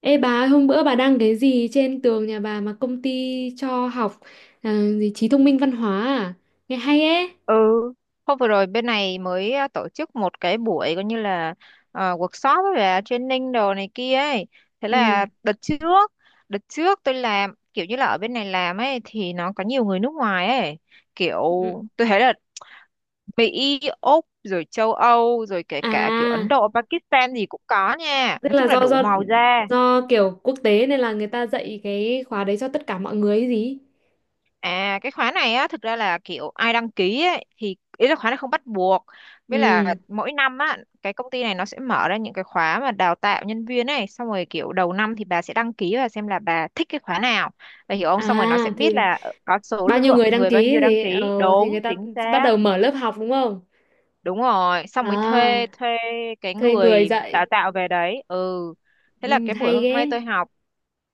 Ê bà ơi, hôm bữa bà đăng cái gì trên tường nhà bà mà công ty cho học à, gì trí thông minh văn hóa à? Nghe hay ấy. Ừ, hôm vừa rồi bên này mới tổ chức một cái buổi coi như là workshop với là training đồ này kia ấy. Thế Ừ. là đợt trước tôi làm kiểu như là ở bên này làm ấy thì nó có nhiều người nước ngoài ấy. Kiểu Ừ. tôi thấy là Mỹ, Úc rồi châu Âu rồi kể cả kiểu À, Ấn Độ, Pakistan gì cũng có nha. tức Nói chung là là do đủ do màu da. do kiểu quốc tế nên là người ta dạy cái khóa đấy cho tất cả mọi người ấy gì? À, cái khóa này á thực ra là kiểu ai đăng ký ấy, thì ý là khóa này không bắt buộc, với Ừ. là mỗi năm á cái công ty này nó sẽ mở ra những cái khóa mà đào tạo nhân viên ấy, xong rồi kiểu đầu năm thì bà sẽ đăng ký và xem là bà thích cái khóa nào, bà hiểu không, xong rồi nó sẽ À biết thì là có số bao nhiêu lượng người đăng người bao ký nhiêu đăng gì ký thì đúng người ta chính bắt xác. đầu mở lớp học đúng không? Đúng rồi, xong mới thuê À, thuê cái thuê người người dạy. đào tạo về đấy. Ừ, thế là Ừ, cái buổi hay hôm nay ghê. tôi học,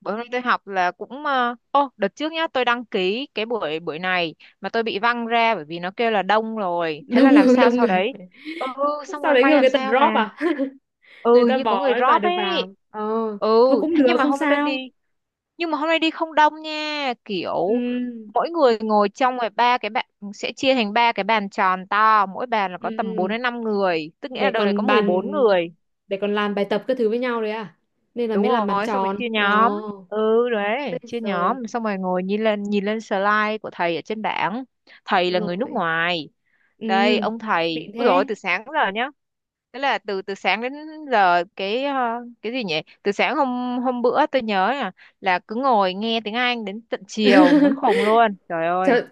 bữa nay tôi học là cũng ô, đợt trước nhá tôi đăng ký cái buổi buổi này mà tôi bị văng ra bởi vì nó kêu là đông rồi, thế là Đông làm người sao đông sau người. đấy. Ừ, xong Sau rồi đấy may người làm người ta sao drop mà, à? Người ừ, hình ta như có bỏ người bà drop được ấy. vào ờ, Ừ, thôi cũng thế được nhưng mà không hôm nay tôi sao. đi, nhưng mà hôm nay đi không đông nha, kiểu Ừ, mỗi người ngồi trong ngoài ba cái bạn, sẽ chia thành ba cái bàn tròn to, mỗi bàn là có tầm 4 ừ. đến 5 người, tức nghĩa là Để đâu đấy có còn mười bàn, bốn người. để còn làm bài tập các thứ với nhau đấy à, nên là Đúng mới làm bàn rồi, xong rồi tròn chia ờ. nhóm. Ừ Ê, đấy, chia rồi, nhóm xong rồi ngồi nhìn lên, nhìn lên slide của thầy ở trên bảng. Thầy là người nước rồi, ngoài. ừ, Đây ông thầy, xịn ôi rồi thế. từ sáng đến giờ nhá. Thế là từ từ sáng đến giờ cái cái gì nhỉ, từ sáng hôm hôm bữa tôi nhớ là cứ ngồi nghe tiếng Anh đến tận chiều muốn khùng luôn, trời ơi. Trời,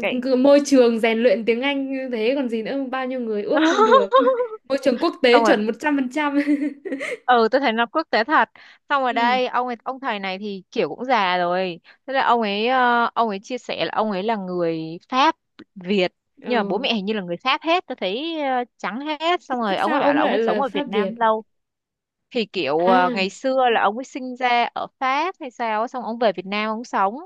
Cái cứ môi trường rèn luyện tiếng Anh như thế còn gì nữa, bao nhiêu người ước không được. Môi trường quốc tế xong rồi, chuẩn 100%. ừ tôi thấy nó quốc tế thật. Xong rồi Ừ, đây ông thầy này thì kiểu cũng già rồi. Thế là ông ấy chia sẻ là ông ấy là người Pháp Việt, ờ. nhưng mà bố mẹ hình như là người Pháp hết tôi thấy, trắng hết. Thế, Xong thế rồi ông sao ấy bảo ông là ông lại ấy sống là ở Pháp Việt Việt? Nam lâu, thì kiểu ngày À, xưa là ông ấy sinh ra ở Pháp hay sao á, xong ông về Việt Nam ông sống.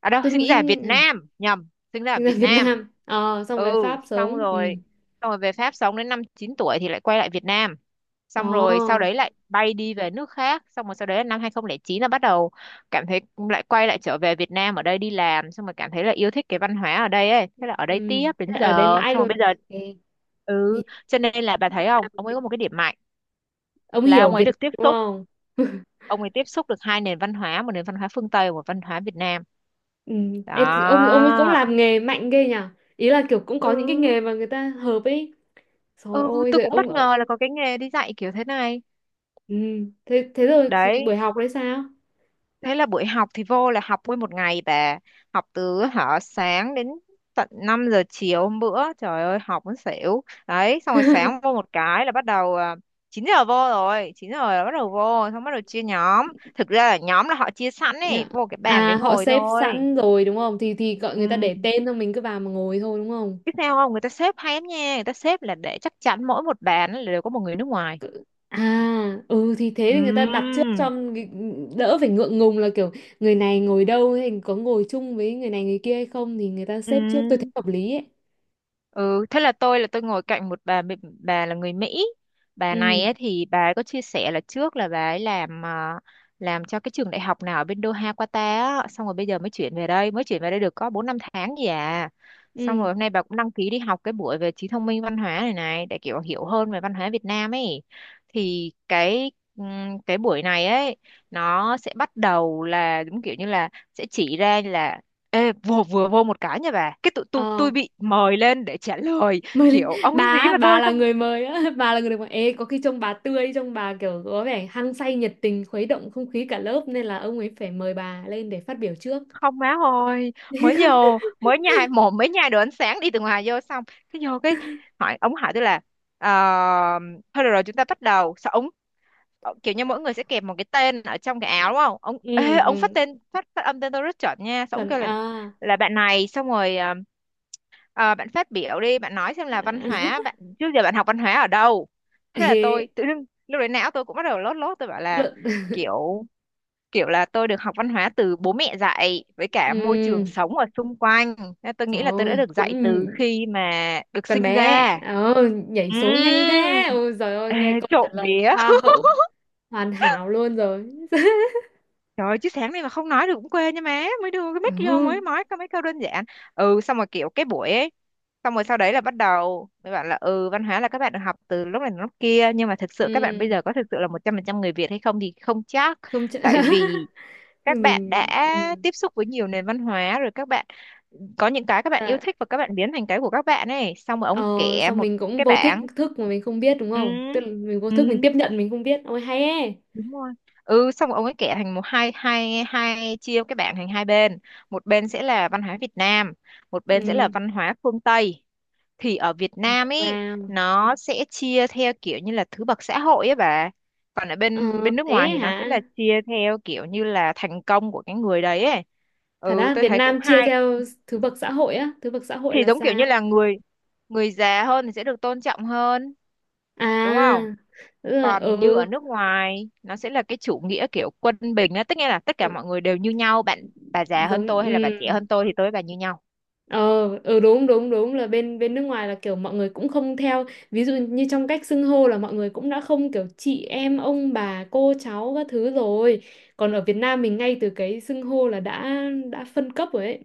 À đâu, tôi sinh nghĩ ra ở Việt ừ. Nam, nhầm. Sinh ra ở Sinh ra Việt Việt Nam. Nam, ờ, xong Ừ, về Pháp xong sống. Ừ. rồi xong rồi về Pháp sống đến năm 9 tuổi thì lại quay lại Việt Nam. Xong rồi sau Ờ. đấy lại bay đi về nước khác, xong rồi sau đấy là năm 2009 là bắt đầu cảm thấy, lại quay lại trở về Việt Nam, ở đây đi làm xong rồi cảm thấy là yêu thích cái văn hóa ở đây ấy, thế là ở đây Ừ, tiếp đến thế giờ ở đây mãi xong rồi luôn. bây giờ. Ê, nhìn Ừ, cho nên là bà thấy Việt không, ông Nam- ấy có một cái điểm mạnh ông là hiểu ông Việt ấy được tiếp Nam đúng xúc, không? ông ấy tiếp xúc được hai nền văn hóa, một nền văn hóa phương Tây và một văn hóa Việt Nam. Ừ. Ê, thì ông ấy cũng Đó. làm nghề mạnh ghê nhở, ý là kiểu cũng có những cái Ừ, nghề mà người ta hợp ấy. Rồi ừ, ôi tôi rồi cũng ông bất ở- ngờ là có cái nghề đi dạy kiểu thế này. Ừ. Thế thế rồi cái buổi Đấy, học đấy sao? thế là buổi học thì vô là học nguyên một ngày bà, học từ hả sáng đến tận 5 giờ chiều hôm bữa, trời ơi học muốn xỉu đấy. Xong rồi sáng vô một cái là bắt đầu 9 giờ vô, rồi 9 giờ là bắt đầu vô, xong bắt đầu chia nhóm. Thực ra là nhóm là họ chia sẵn ấy, Dạ. vô cái bàn đấy À họ ngồi xếp thôi. sẵn rồi đúng không, thì gọi người ta Ừ, để tên xong mình cứ vào mà ngồi thôi đúng không? biết sao không, người ta xếp hay lắm nha, người ta xếp là để chắc chắn mỗi một bàn là đều có một người nước ngoài. À, ừ thì thế thì người ta đặt trước Ừm, cho cái- đỡ phải ngượng ngùng là kiểu người này ngồi đâu hay có ngồi chung với người này người kia hay không, thì người ta xếp trước, tôi thấy ừ. hợp lý ấy. Ừ, thế là tôi ngồi cạnh một bà Mỹ- bà là người Mỹ. Bà Ừ, này ấy, thì bà ấy có chia sẻ là trước là bà ấy làm làm cho cái trường đại học nào ở bên Doha Qatar á, xong rồi bây giờ mới chuyển về đây, mới chuyển về đây được có 4 5 tháng gì à. Xong ừ. rồi hôm nay bà cũng đăng ký đi học cái buổi về trí thông minh văn hóa này này để kiểu hiểu hơn về văn hóa Việt Nam ấy. Thì cái buổi này ấy nó sẽ bắt đầu là đúng kiểu như là sẽ chỉ ra là. Ê, vừa vừa vô một cái nha bà, cái tụi tôi Ờ, bị mời lên để trả lời, mời lên. kiểu ông Bà, ấy gì á, mà bà tôi là xong, người mời á, bà là người được mời. Ê, có khi trông bà tươi, trông bà kiểu có vẻ hăng say nhiệt tình khuấy động không khí cả lớp nên là ông ấy phải mời bà lên để phát biểu trước. không má ơi. Mới vô mới nhai mồm mới nhai đồ, ánh sáng đi từ ngoài vô, xong cái vô hỏi, ông hỏi tôi là ờ, thôi được rồi chúng ta bắt đầu sao ông. Ờ, kiểu như mỗi người sẽ kẹp một cái tên ở trong cái áo đúng không ông, ê, Ừ, ông phát ừ, tên, phát phát âm tên tôi rất chuẩn nha, xong ông chuẩn kêu à. là bạn này, xong rồi bạn phát biểu đi, bạn nói xem là văn hóa bạn trước giờ bạn học văn hóa ở đâu. Thế là tôi Ê, tự dưng lúc đấy não tôi cũng bắt đầu lót lót, tôi bảo là luận. kiểu, là tôi được học văn hóa từ bố mẹ dạy với cả môi trường Ừ, sống ở xung quanh. Nên tôi nghĩ là tôi đã rồi, được cũng dạy từ khi mà được Con sinh bé, ra. ờ, Ừm, nhảy số nhanh thế. Ôi giời ơi, ê, nghe câu trả trộm lời vía. hoa hậu hoàn hảo luôn rồi. Trời ơi, chứ sáng nay mà không nói được cũng quê nha má. Mới đưa cái mic vô mới Ừ, nói có mấy câu đơn giản. Ừ, xong rồi kiểu cái buổi ấy. Xong rồi sau đấy là bắt đầu, mới bảo là ừ văn hóa là các bạn được học từ lúc này đến lúc kia, nhưng mà thực sự các bạn ừ, bây giờ có thực sự là 100% người Việt hay không thì không chắc. không chả... Tại vì các bạn đã mình ừ. tiếp xúc với nhiều nền văn hóa, rồi các bạn có những cái các bạn yêu Dạ. thích, và các bạn biến thành cái của các bạn ấy. Xong rồi Ờ, ông kể xong một mình cũng cái vô thích bảng. thức mà mình không biết đúng Ừ, không? Tức là mình vô ừ, thức mình tiếp nhận mình không biết. Ôi hay ấy. đúng rồi, ừ, xong ông ấy kẻ thành một hai hai hai, chia cái bảng thành hai bên, một bên sẽ là văn hóa Việt Nam, một bên sẽ là Ừ. văn hóa phương Tây. Thì ở Việt Nam ấy Wow. nó sẽ chia theo kiểu như là thứ bậc xã hội ấy bà, còn ở Ờ, bên bên nước thế ngoài thì nó sẽ hả? là chia theo kiểu như là thành công của cái người đấy ấy. Thật Ừ, á, tôi Việt thấy cũng Nam chia hay. theo thứ bậc xã hội á, thứ bậc xã hội Thì là giống kiểu sao? như là người người già hơn thì sẽ được tôn trọng hơn đúng không, À, tức là còn như ở ừ. nước ngoài nó sẽ là cái chủ nghĩa kiểu quân bình á, tức nghĩa là tất cả Ừ, mọi người đều như nhau bạn. Bà già hơn giống tôi hay là bà ừ. trẻ hơn tôi thì tôi với bà như nhau. Ờ, ừ, đúng đúng đúng là bên bên nước ngoài là kiểu mọi người cũng không theo, ví dụ như trong cách xưng hô là mọi người cũng đã không kiểu chị em ông bà cô cháu các thứ rồi, còn ở Việt Nam mình ngay từ cái xưng hô là đã phân cấp rồi ấy,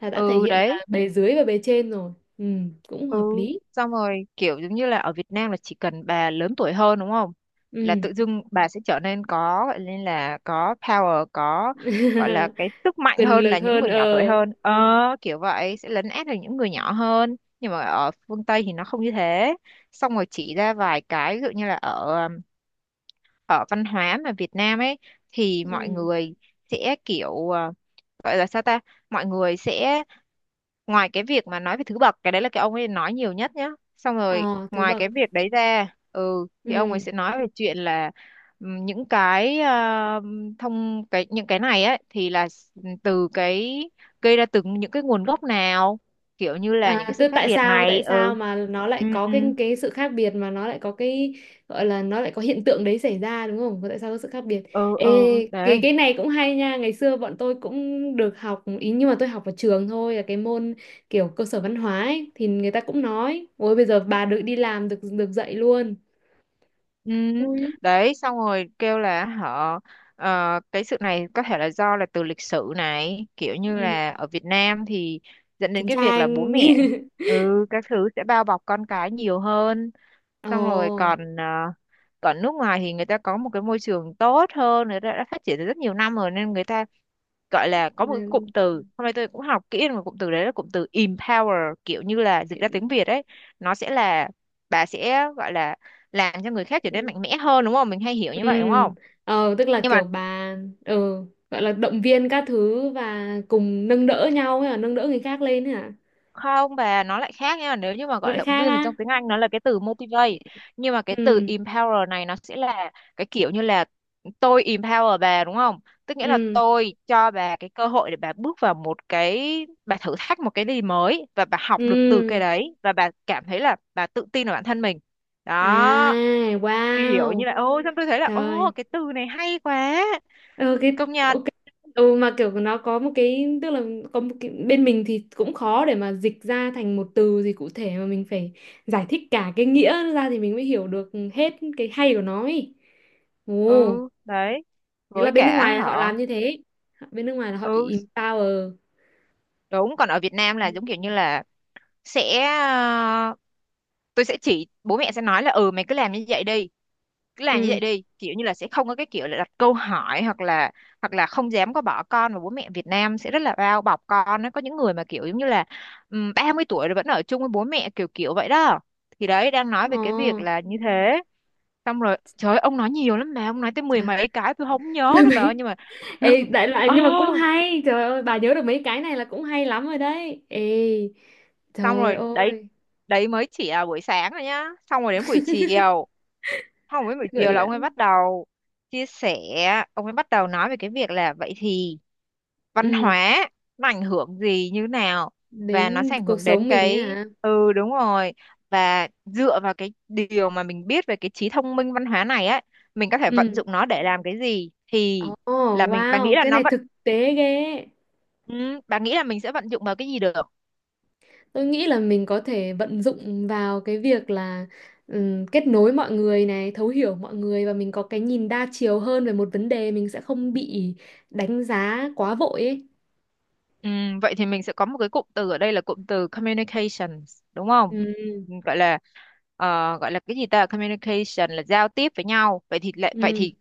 là đã thể Ừ hiện đấy. là bề dưới và bề trên rồi. Ừ, cũng hợp Ừ, lý. xong rồi kiểu giống như là ở Việt Nam là chỉ cần bà lớn tuổi hơn đúng không, là Ừ. tự dưng bà sẽ trở nên có, gọi nên là có power, có gọi là cái sức mạnh Quyền hơn lực là những hơn người nhỏ tuổi ờ. hơn. Ờ, kiểu vậy sẽ lấn át được những người nhỏ hơn, nhưng mà ở phương Tây thì nó không như thế. Xong rồi chỉ ra vài cái ví dụ như là ở ở văn hóa mà Việt Nam ấy thì mọi Ừ. người sẽ kiểu, gọi là sao ta, mọi người sẽ ngoài cái việc mà nói về thứ bậc, cái đấy là cái ông ấy nói nhiều nhất nhá, xong rồi Ờ thứ ngoài bậc cái việc đấy ra, ừ thì ông ấy ừ. sẽ nói về chuyện là những cái thông, cái những cái này ấy thì là ừ, từ cái gây ra, từ những cái nguồn gốc nào, kiểu như là những À, cái sự tức khác tại biệt sao này. tại sao Ừ, mà nó lại ừ, có ừ, cái sự khác biệt mà nó lại có cái gọi là nó lại có hiện tượng đấy xảy ra đúng không? Tại sao có sự khác biệt? ừ, ừ Ê, đấy. cái này cũng hay nha. Ngày xưa bọn tôi cũng được học ý, nhưng mà tôi học ở trường thôi, là cái môn kiểu cơ sở văn hóa ấy, thì người ta cũng nói, ôi bây giờ bà được đi làm được được dạy luôn. Ừ Ui. đấy, xong rồi kêu là họ cái sự này có thể là do là từ lịch sử này, kiểu như Ừ, là ở Việt Nam thì dẫn đến chiến cái việc là bố tranh. mẹ ừ các thứ sẽ bao bọc con cái nhiều hơn, xong rồi còn còn nước ngoài thì người ta có một cái môi trường tốt hơn, người ta đã phát triển từ rất nhiều năm rồi nên người ta gọi là có một cái cụm từ, hôm nay tôi cũng học kỹ được một cụm từ đấy là cụm từ empower, kiểu như là dịch ra tiếng Việt ấy, nó sẽ là bà sẽ gọi là làm cho người khác trở Ồ. nên mạnh mẽ hơn, đúng không? Mình hay hiểu Ừ, như vậy đúng không? ờ, tức là Nhưng mà kiểu bà ừ, gọi là động viên các thứ và cùng nâng đỡ nhau hay là nâng đỡ người khác lên ấy hả? không, bà, nó lại khác nha. Nếu như mà Nó gọi lại động khác viên thì trong á. tiếng Anh nó là cái từ motivate. Nhưng mà cái từ Ừ, empower này nó sẽ là cái kiểu như là tôi empower bà, đúng không? Tức nghĩa là ừ, tôi cho bà cái cơ hội để bà bước vào một cái, bà thử thách một cái gì mới, và bà học được từ cái ừ. đấy và bà cảm thấy là bà tự tin vào bản thân mình. Đó, À, kiểu như wow. là ôi, xong tôi thấy là ô, Trời. cái từ này hay quá. Ừ, cái Công nhận. ok. Ừ, mà kiểu nó có một cái tức là có một cái, bên mình thì cũng khó để mà dịch ra thành một từ gì cụ thể mà mình phải giải thích cả cái nghĩa ra thì mình mới hiểu được hết cái hay của nó ấy. Ồ. Ừ, đấy, Thế là với bên nước cả ngoài là họ họ. làm như thế, bên nước ngoài là họ Ừ, empower. đúng. Còn ở Việt Nam là giống kiểu như là sẽ tôi sẽ chỉ, bố mẹ sẽ nói là ừ mày cứ làm như vậy đi. Cứ làm như Ừ. vậy đi, kiểu như là sẽ không có cái kiểu là đặt câu hỏi, hoặc là không dám có bỏ con. Và bố mẹ Việt Nam sẽ rất là bao bọc con, nó có những người mà kiểu giống như là 30 tuổi rồi vẫn ở chung với bố mẹ, kiểu kiểu vậy đó. Thì đấy đang nói về Ồ. cái việc là như thế. Xong rồi trời ơi, ông nói nhiều lắm mà, ông nói tới mười Trời. mấy cái tôi không nhớ Mười nữa bà ơi, mấy. nhưng mà Ê, đại loại ờ, nhưng mà cũng hay, trời ơi bà nhớ được mấy cái này là cũng hay lắm rồi đấy. Ê, xong trời rồi đấy. ơi, Đấy mới chỉ là buổi sáng rồi nhá. Xong rồi đến buổi chiều. Không, với buổi gọi chiều là ông là ấy bắt đầu chia sẻ. Ông ấy bắt đầu nói về cái việc là vậy thì văn ừ hóa nó ảnh hưởng gì như nào, và nó đến sẽ ảnh cuộc hưởng đến sống mình ấy cái, hả. ừ đúng rồi. Và dựa vào cái điều mà mình biết về cái trí thông minh văn hóa này á, mình có thể vận Ừ. dụng nó để làm cái gì, thì Ồ. là mình, bà nghĩ Wow, là cái nó này vận, thực tế ghê. ừ, bà nghĩ là mình sẽ vận dụng vào cái gì được? Tôi nghĩ là mình có thể vận dụng vào cái việc là kết nối mọi người này, thấu hiểu mọi người và mình có cái nhìn đa chiều hơn về một vấn đề, mình sẽ không bị đánh giá quá vội ấy. Ừ, vậy thì mình sẽ có một cái cụm từ ở đây là cụm từ communications đúng không? Ừ, Ừ, gọi là ờ, gọi là cái gì ta, communication là giao tiếp với nhau. Vậy thì lại, vậy ừ, thì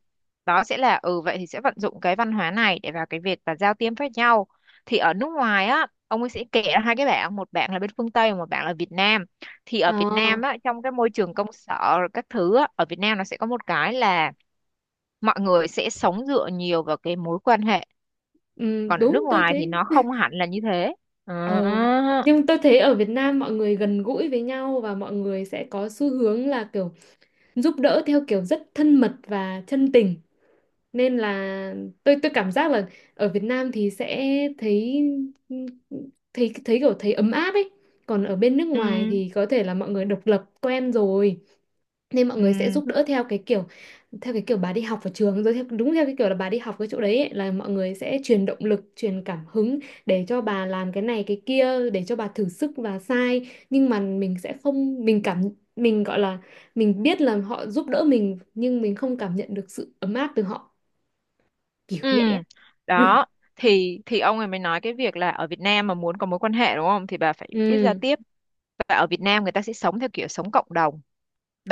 đó sẽ là, ừ vậy thì sẽ vận dụng cái văn hóa này để vào cái việc là giao tiếp với nhau. Thì ở nước ngoài á, ông ấy sẽ kể ra hai cái bảng, một bảng là bên phương Tây và một bảng là Việt Nam. Thì ờ, ở Việt Nam á, trong cái môi trường công sở rồi các thứ á, ở Việt Nam nó sẽ có một cái là mọi người sẽ sống dựa nhiều vào cái mối quan hệ, ừ, còn ở nước đúng tôi ngoài thì thấy. nó không hẳn là như thế. Ờ, À, nhưng tôi thấy ở Việt Nam mọi người gần gũi với nhau và mọi người sẽ có xu hướng là kiểu giúp đỡ theo kiểu rất thân mật và chân tình. Nên là tôi cảm giác là ở Việt Nam thì sẽ thấy thấy thấy kiểu thấy ấm áp ấy, còn ở bên nước ngoài ừ, thì có thể là mọi người độc lập quen rồi, nên mọi người sẽ ừ, giúp đỡ theo cái kiểu, theo cái kiểu bà đi học ở trường rồi theo, đúng theo cái kiểu là bà đi học cái chỗ đấy ấy, là mọi người sẽ truyền động lực truyền cảm hứng để cho bà làm cái này cái kia để cho bà thử sức và sai, nhưng mà mình sẽ không mình cảm mình gọi là mình biết là họ giúp đỡ mình nhưng mình không cảm nhận được sự ấm áp từ họ, kiểu ừ. vậy á. Đó. Thì ông ấy mới nói cái việc là ở Việt Nam mà muốn có mối quan hệ đúng không thì bà phải biết Ừ. giao tiếp. Và ở Việt Nam người ta sẽ sống theo kiểu sống cộng đồng.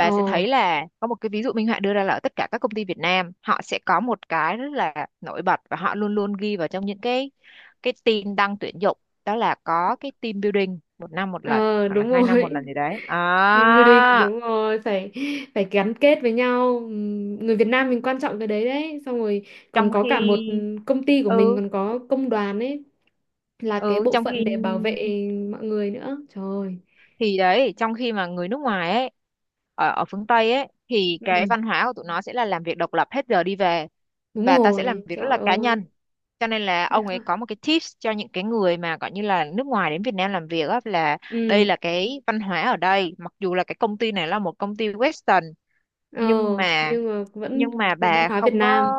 Ờ. sẽ thấy là có một cái ví dụ minh họa đưa ra là ở tất cả các công ty Việt Nam họ sẽ có một cái rất là nổi bật, và họ luôn luôn ghi vào trong những cái tin đăng tuyển dụng. Đó là có cái team building một năm một lần Ờ, hoặc là đúng 2 năm một rồi. lần gì đấy Team building à. đúng rồi, phải phải gắn kết với nhau. Người Việt Nam mình quan trọng cái đấy đấy, xong rồi còn Trong có khi cả một công ty của mình ừ còn có công đoàn ấy, là cái ừ bộ trong phận khi để bảo vệ mọi người nữa, trời ơi. thì đấy, trong khi mà người nước ngoài ấy, ở ở phương Tây ấy thì cái Ừ, văn hóa của tụi nó sẽ là làm việc độc lập hết giờ đi về, đúng và ta sẽ làm rồi, việc rất trời là cá ơi. nhân. Cho nên là ông ấy có một cái tips cho những cái người mà gọi như là nước ngoài đến Việt Nam làm việc á, là đây Ừ. là cái văn hóa ở đây, mặc dù là cái công ty này là một công ty Western, Ờ, nhưng mà nhưng mà vẫn nhưng mà văn bà hóa Việt không có, Nam.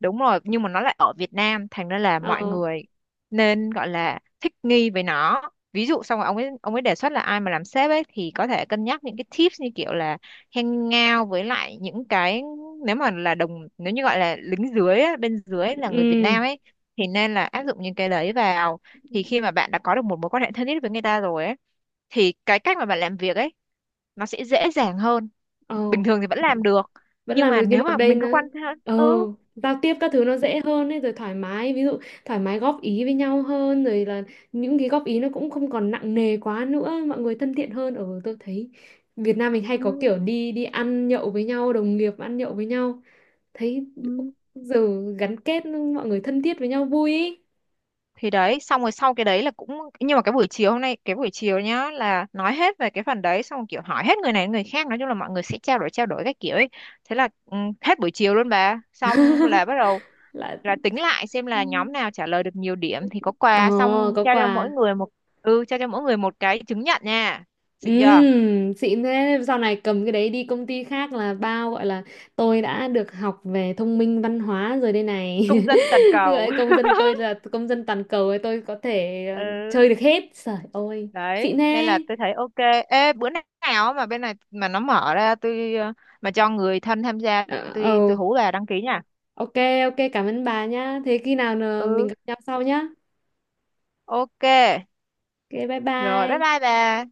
đúng rồi, nhưng mà nó lại ở Việt Nam thành ra là mọi Ờ. người nên gọi là thích nghi với nó. Ví dụ xong rồi ông ấy đề xuất là ai mà làm sếp ấy thì có thể cân nhắc những cái tips như kiểu là hangout với lại những cái, nếu mà là đồng, nếu như gọi là lính dưới á, bên dưới là người Việt Ừ. Nam ấy, thì nên là áp dụng những cái đấy vào, thì khi mà bạn đã có được một mối quan hệ thân thiết với người ta rồi ấy thì cái cách mà bạn làm việc ấy nó sẽ dễ dàng hơn. Ờ, Bình thường thì vẫn làm được, vẫn nhưng làm mà được nhưng nếu mà mà đây mình nó có quan hệ, ờ, ừ, giao tiếp các thứ nó dễ hơn ấy rồi thoải mái, ví dụ thoải mái góp ý với nhau hơn rồi là những cái góp ý nó cũng không còn nặng nề quá nữa, mọi người thân thiện hơn ở tôi thấy Việt Nam mình hay ừ, có kiểu đi đi ăn nhậu với nhau, đồng nghiệp ăn nhậu với nhau thấy ừ. giờ gắn kết mọi người thân thiết với nhau vui ý. Thì đấy, xong rồi sau cái đấy là cũng, nhưng mà cái buổi chiều hôm nay, cái buổi chiều nhá, là nói hết về cái phần đấy, xong rồi kiểu hỏi hết người này người khác, nói chung là mọi người sẽ trao đổi các kiểu ấy. Thế là ừ, hết buổi chiều luôn bà, xong là bắt đầu Là là tính lại xem là nhóm nào trả lời được nhiều điểm thì có ờ quà, xong có trao cho quà. mỗi người một, ừ, trao cho mỗi người một cái chứng nhận nha. Xịn chưa? Xịn thế, sau này cầm cái đấy đi công ty khác là bao gọi là tôi đã được học về thông minh văn hóa rồi đây này. Công dân toàn cầu. Gọi công dân tôi là công dân toàn cầu ấy, tôi có thể Ừ, chơi được hết, trời ơi. Xịn đấy nên là thế. tôi thấy ok. Ê, bữa nào mà bên này mà nó mở ra tôi mà cho người thân tham gia, Ờ. tôi Ồ. hú bà đăng ký nha. Ok. Ok cảm ơn bà nhá, thế khi nào mình Ừ gặp nhau sau nhá. ok, Ok, bye rồi bye bye. bye bà.